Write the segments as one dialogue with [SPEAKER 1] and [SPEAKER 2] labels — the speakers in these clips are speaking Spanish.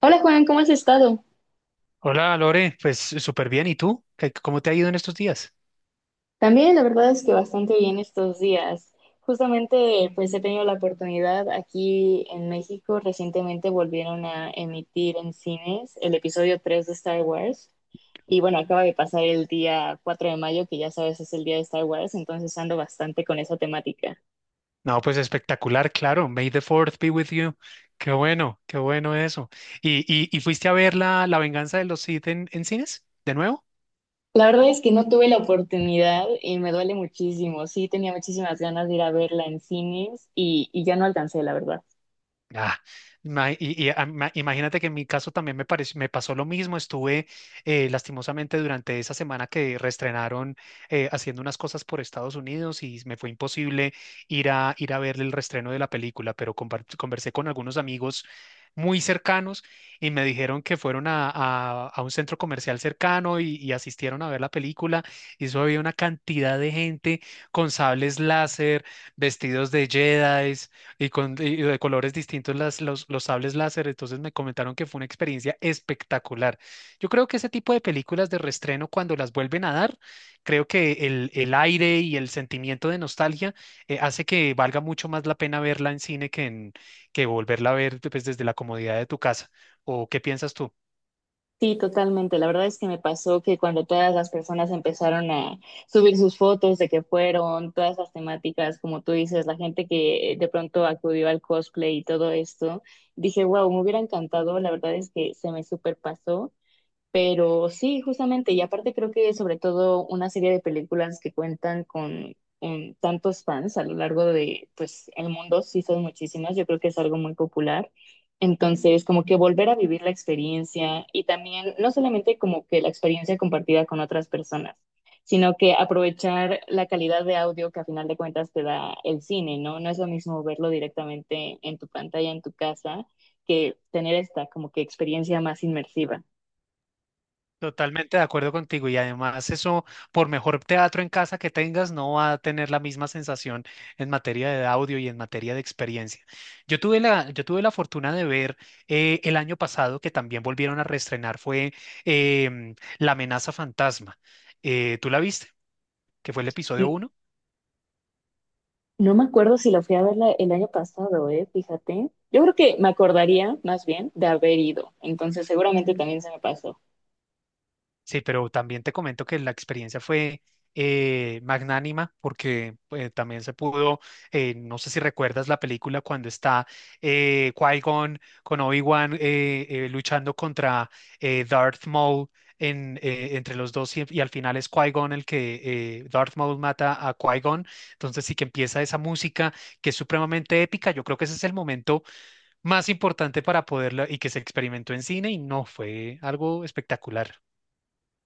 [SPEAKER 1] Hola Juan, ¿cómo has estado?
[SPEAKER 2] Hola Lore, pues súper bien. ¿Y tú? ¿Cómo te ha ido en estos días?
[SPEAKER 1] También la verdad es que bastante bien estos días. Justamente pues he tenido la oportunidad aquí en México, recientemente volvieron a emitir en cines el episodio 3 de Star Wars y bueno, acaba de pasar el día 4 de mayo, que ya sabes es el día de Star Wars, entonces ando bastante con esa temática.
[SPEAKER 2] No, pues espectacular, claro. May the fourth be with you. Qué bueno eso. ¿Y fuiste a ver la venganza de los Sith en cines? ¿De nuevo?
[SPEAKER 1] La verdad es que no tuve la oportunidad y me duele muchísimo. Sí, tenía muchísimas ganas de ir a verla en cines y ya no alcancé, la verdad.
[SPEAKER 2] Ah, imagínate que en mi caso también me pareció, me pasó lo mismo. Estuve lastimosamente durante esa semana que reestrenaron haciendo unas cosas por Estados Unidos y me fue imposible ir a ver el reestreno de la película, pero conversé con algunos amigos muy cercanos y me dijeron que fueron a un centro comercial cercano y asistieron a ver la película. Y eso había una cantidad de gente con sables láser, vestidos de Jedi y con y de colores distintos los sables láser, entonces me comentaron que fue una experiencia espectacular. Yo creo que ese tipo de películas de reestreno, cuando las vuelven a dar, creo que el aire y el sentimiento de nostalgia hace que valga mucho más la pena verla en cine que volverla a ver pues, desde la comodidad de tu casa. ¿O qué piensas tú?
[SPEAKER 1] Sí, totalmente. La verdad es que me pasó que cuando todas las personas empezaron a subir sus fotos de que fueron, todas las temáticas, como tú dices, la gente que de pronto acudió al cosplay y todo esto, dije, wow, me hubiera encantado. La verdad es que se me superpasó. Pero sí, justamente, y aparte creo que sobre todo una serie de películas que cuentan con tantos fans a lo largo de, pues, el mundo, sí son muchísimas, yo creo que es algo muy popular. Entonces, como que volver a vivir la experiencia y también, no solamente como que la experiencia compartida con otras personas, sino que aprovechar la calidad de audio que a final de cuentas te da el cine, ¿no? No es lo mismo verlo directamente en tu pantalla, en tu casa, que tener esta como que experiencia más inmersiva.
[SPEAKER 2] Totalmente de acuerdo contigo y además eso, por mejor teatro en casa que tengas, no va a tener la misma sensación en materia de audio y en materia de experiencia. Yo tuve la fortuna de ver el año pasado que también volvieron a reestrenar fue La amenaza fantasma. ¿Tú la viste? Que fue el episodio 1.
[SPEAKER 1] No me acuerdo si la fui a ver el año pasado, ¿eh? Fíjate. Yo creo que me acordaría más bien de haber ido. Entonces seguramente también se me pasó.
[SPEAKER 2] Sí, pero también te comento que la experiencia fue magnánima porque también se pudo, no sé si recuerdas la película cuando está Qui-Gon con Obi-Wan luchando contra Darth Maul entre los dos y al final es Qui-Gon el que Darth Maul mata a Qui-Gon. Entonces sí que empieza esa música que es supremamente épica. Yo creo que ese es el momento más importante para poderla y que se experimentó en cine y no fue algo espectacular.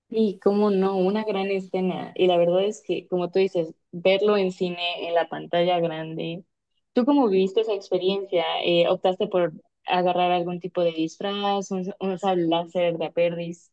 [SPEAKER 1] Y cómo no, una gran escena. Y la verdad es que, como tú dices, verlo en cine, en la pantalla grande. ¿Tú cómo viviste esa experiencia? ¿Optaste por agarrar algún tipo de disfraz, un sable láser de Aperris?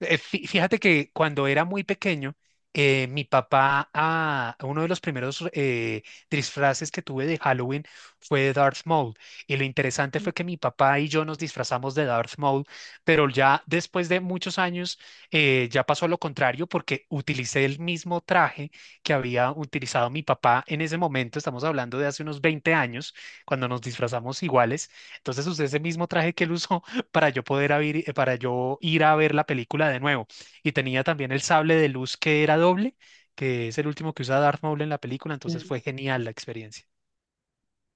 [SPEAKER 2] Fíjate que cuando era muy pequeño, mi papá, uno de los primeros disfraces que tuve de Halloween fue de Darth Maul. Y lo interesante fue que mi papá y yo nos disfrazamos de Darth Maul, pero ya después de muchos años ya pasó lo contrario porque utilicé el mismo traje que había utilizado mi papá en ese momento. Estamos hablando de hace unos 20 años, cuando nos disfrazamos iguales. Entonces usé ese mismo traje que él usó para yo poder para yo ir a ver la película de nuevo. Y tenía también el sable de luz que era doble, que es el último que usa Darth Maul en la película, entonces fue genial la experiencia.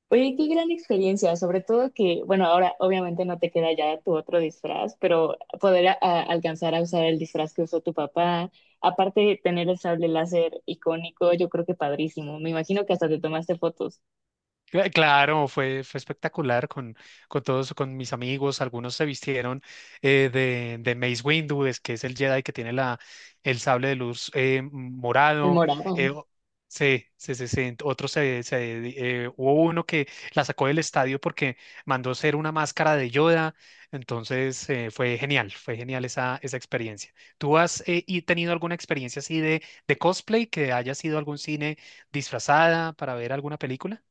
[SPEAKER 1] Oye, qué gran experiencia, sobre todo que, bueno, ahora obviamente no te queda ya tu otro disfraz, pero poder alcanzar a usar el disfraz que usó tu papá, aparte de tener el sable láser icónico, yo creo que padrísimo. Me imagino que hasta te tomaste fotos,
[SPEAKER 2] Claro, fue espectacular con todos, con mis amigos. Algunos se vistieron de Mace Windu, es que es el Jedi que tiene el sable de luz
[SPEAKER 1] el
[SPEAKER 2] morado.
[SPEAKER 1] morado.
[SPEAKER 2] eh, o- sí, sí, sí, sí. Otros hubo uno que la sacó del estadio porque mandó hacer una máscara de Yoda. Entonces fue genial esa experiencia. ¿Tú has tenido alguna experiencia así de cosplay que haya sido algún cine disfrazada para ver alguna película?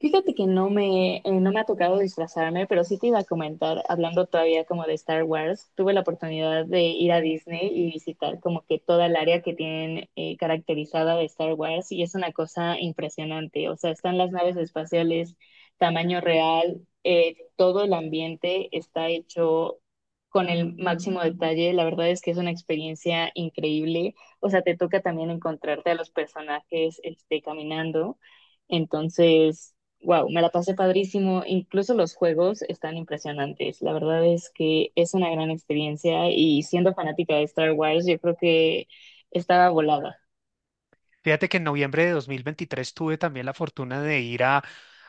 [SPEAKER 1] Fíjate que no me ha tocado disfrazarme, pero sí te iba a comentar, hablando todavía como de Star Wars, tuve la oportunidad de ir a Disney y visitar como que toda el área que tienen caracterizada de Star Wars y es una cosa impresionante. O sea, están las naves espaciales, tamaño real, todo el ambiente está hecho con el máximo detalle. La verdad es que es una experiencia increíble. O sea, te toca también encontrarte a los personajes este, caminando. Entonces... Wow, me la pasé padrísimo. Incluso los juegos están impresionantes. La verdad es que es una gran experiencia y siendo fanática de Star Wars, yo creo que estaba volada.
[SPEAKER 2] Fíjate que en noviembre de 2023 tuve también la fortuna de ir a,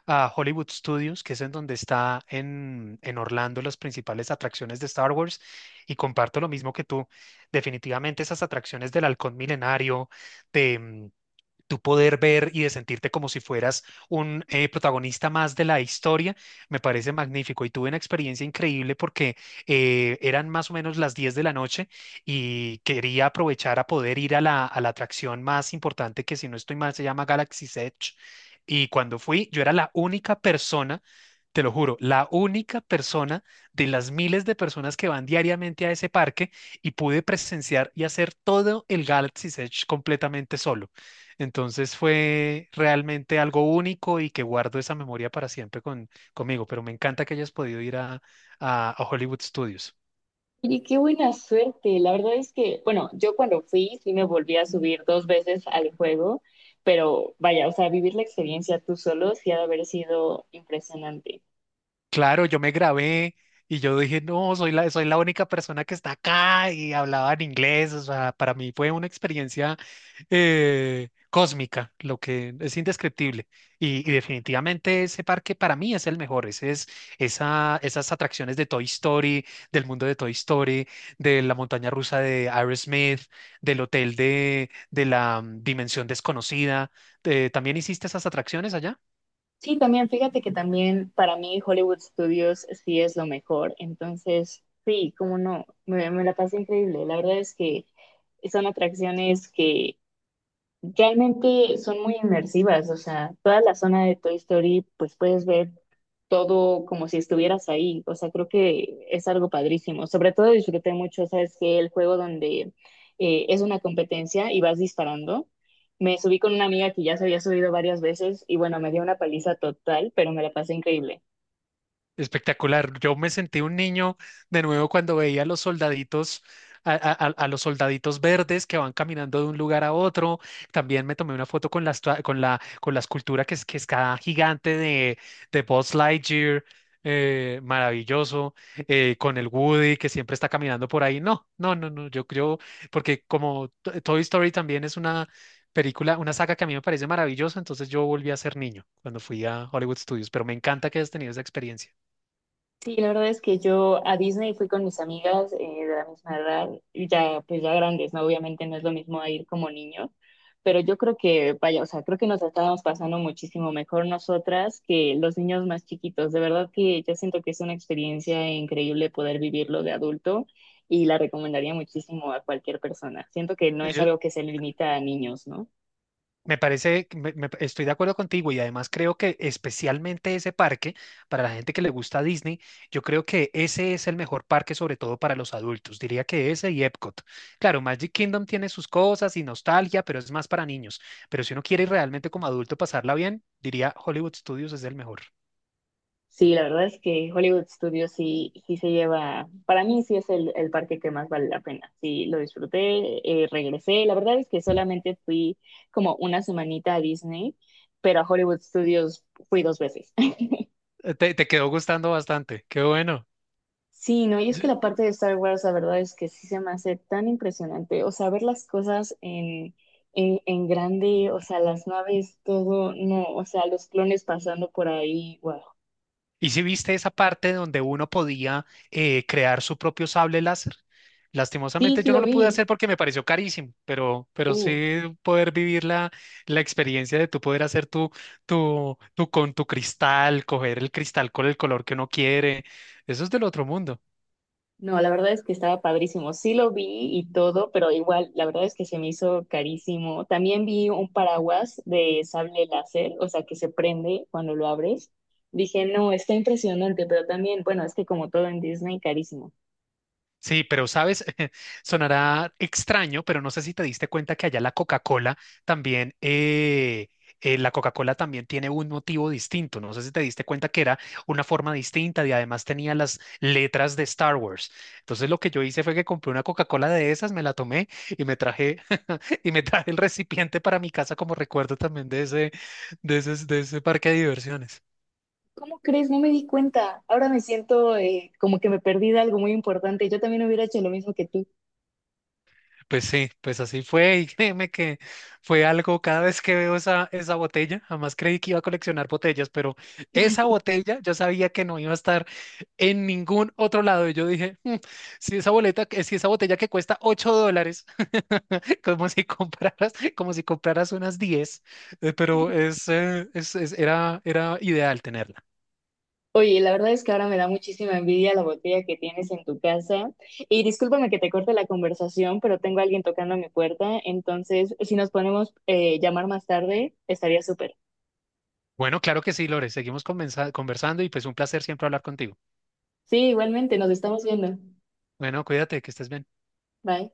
[SPEAKER 2] a Hollywood Studios, que es en donde está en Orlando las principales atracciones de Star Wars, y comparto lo mismo que tú. Definitivamente esas atracciones del Halcón Milenario, tú poder ver y de sentirte como si fueras un protagonista más de la historia, me parece magnífico. Y tuve una experiencia increíble porque eran más o menos las 10 de la noche y quería aprovechar a poder ir a la atracción más importante que si no estoy mal se llama Galaxy's Edge. Y cuando fui, yo era la única persona. Te lo juro, la única persona de las miles de personas que van diariamente a ese parque y pude presenciar y hacer todo el Galaxy's Edge completamente solo. Entonces fue realmente algo único y que guardo esa memoria para siempre conmigo, pero me encanta que hayas podido ir a, a Hollywood Studios.
[SPEAKER 1] Oye, qué buena suerte. La verdad es que, bueno, yo cuando fui sí me volví a subir dos veces al juego, pero vaya, o sea, vivir la experiencia tú solo sí ha de haber sido impresionante.
[SPEAKER 2] Claro, yo me grabé y yo dije, no, soy la única persona que está acá y hablaba en inglés. O sea, para mí fue una experiencia cósmica, lo que es indescriptible. Y definitivamente ese parque para mí es el mejor. Esas atracciones de Toy Story, del mundo de Toy Story, de la montaña rusa de Aerosmith, del hotel de la dimensión desconocida. ¿También hiciste esas atracciones allá?
[SPEAKER 1] Sí, también, fíjate que también para mí Hollywood Studios sí es lo mejor. Entonces, sí, cómo no, me la pasé increíble. La verdad es que son atracciones que realmente son muy inmersivas, o sea, toda la zona de Toy Story, pues puedes ver todo como si estuvieras ahí, o sea, creo que es algo padrísimo. Sobre todo disfruté mucho, sabes que el juego donde es una competencia y vas disparando, me subí con una amiga que ya se había subido varias veces y bueno, me dio una paliza total, pero me la pasé increíble.
[SPEAKER 2] Espectacular. Yo me sentí un niño de nuevo cuando veía a los soldaditos, a los soldaditos verdes que van caminando de un lugar a otro. También me tomé una foto con la, estua- con la escultura que es cada gigante de Buzz Lightyear. Maravilloso. Con el Woody que siempre está caminando por ahí. No, no, no, no. Yo creo, porque como Toy Story también es una película, una saga que a mí me parece maravillosa, entonces yo volví a ser niño cuando fui a Hollywood Studios, pero me encanta que hayas tenido esa experiencia.
[SPEAKER 1] Sí, la verdad es que yo a Disney fui con mis amigas de la misma edad, y ya pues ya grandes, ¿no? Obviamente no es lo mismo a ir como niños, pero yo creo que, vaya, o sea, creo que nos estábamos pasando muchísimo mejor nosotras que los niños más chiquitos. De verdad que yo siento que es una experiencia increíble poder vivirlo de adulto y la recomendaría muchísimo a cualquier persona. Siento que no es
[SPEAKER 2] Ellos,
[SPEAKER 1] algo que se limita a niños, ¿no?
[SPEAKER 2] me parece que estoy de acuerdo contigo y además creo que especialmente ese parque, para la gente que le gusta Disney, yo creo que ese es el mejor parque, sobre todo para los adultos. Diría que ese y Epcot. Claro, Magic Kingdom tiene sus cosas y nostalgia, pero es más para niños. Pero si uno quiere realmente como adulto pasarla bien, diría Hollywood Studios es el mejor.
[SPEAKER 1] Sí, la verdad es que Hollywood Studios sí, sí se lleva, para mí sí es el parque que más vale la pena. Sí, lo disfruté, regresé. La verdad es que solamente fui como una semanita a Disney, pero a Hollywood Studios fui dos veces.
[SPEAKER 2] Te quedó gustando bastante. Qué bueno.
[SPEAKER 1] Sí, no, y es que la parte de Star Wars, la verdad es que sí se me hace tan impresionante. O sea, ver las cosas en grande, o sea, las naves, todo, no, o sea, los clones pasando por ahí, wow.
[SPEAKER 2] ¿Y si viste esa parte donde uno podía crear su propio sable láser?
[SPEAKER 1] Sí,
[SPEAKER 2] Lastimosamente
[SPEAKER 1] sí
[SPEAKER 2] yo no
[SPEAKER 1] lo
[SPEAKER 2] lo pude hacer
[SPEAKER 1] vi.
[SPEAKER 2] porque me pareció carísimo, pero
[SPEAKER 1] Uh,
[SPEAKER 2] sí poder vivir la experiencia de tú poder hacer tu con tu cristal, coger el cristal con el color que uno quiere, eso es del otro mundo.
[SPEAKER 1] No, la verdad es que estaba padrísimo. Sí lo vi y todo, pero igual, la verdad es que se me hizo carísimo. También vi un paraguas de sable láser, o sea, que se prende cuando lo abres. Dije, no, está impresionante, pero también, bueno, es que como todo en Disney, carísimo.
[SPEAKER 2] Sí, pero sabes, sonará extraño, pero no sé si te diste cuenta que allá también, eh, la Coca-Cola también tiene un motivo distinto. No sé si te diste cuenta que era una forma distinta y además tenía las letras de Star Wars. Entonces lo que yo hice fue que compré una Coca-Cola de esas, me la tomé y me traje y me traje el recipiente para mi casa como recuerdo también de ese parque de diversiones.
[SPEAKER 1] ¿Cómo crees? No me di cuenta. Ahora me siento como que me perdí de algo muy importante. Yo también hubiera hecho lo mismo que tú.
[SPEAKER 2] Pues sí, pues así fue y créeme que fue algo, cada vez que veo esa botella, jamás creí que iba a coleccionar botellas, pero esa botella yo sabía que no iba a estar en ningún otro lado y yo dije, Si esa botella que cuesta $8, como si compraras unas 10, pero era ideal tenerla.
[SPEAKER 1] Oye, la verdad es que ahora me da muchísima envidia la botella que tienes en tu casa. Y discúlpame que te corte la conversación, pero tengo a alguien tocando a mi puerta. Entonces, si nos ponemos llamar más tarde, estaría súper.
[SPEAKER 2] Bueno, claro que sí, Lore, seguimos conversando y pues un placer siempre hablar contigo.
[SPEAKER 1] Sí, igualmente, nos estamos viendo.
[SPEAKER 2] Bueno, cuídate, que estés bien.
[SPEAKER 1] Bye.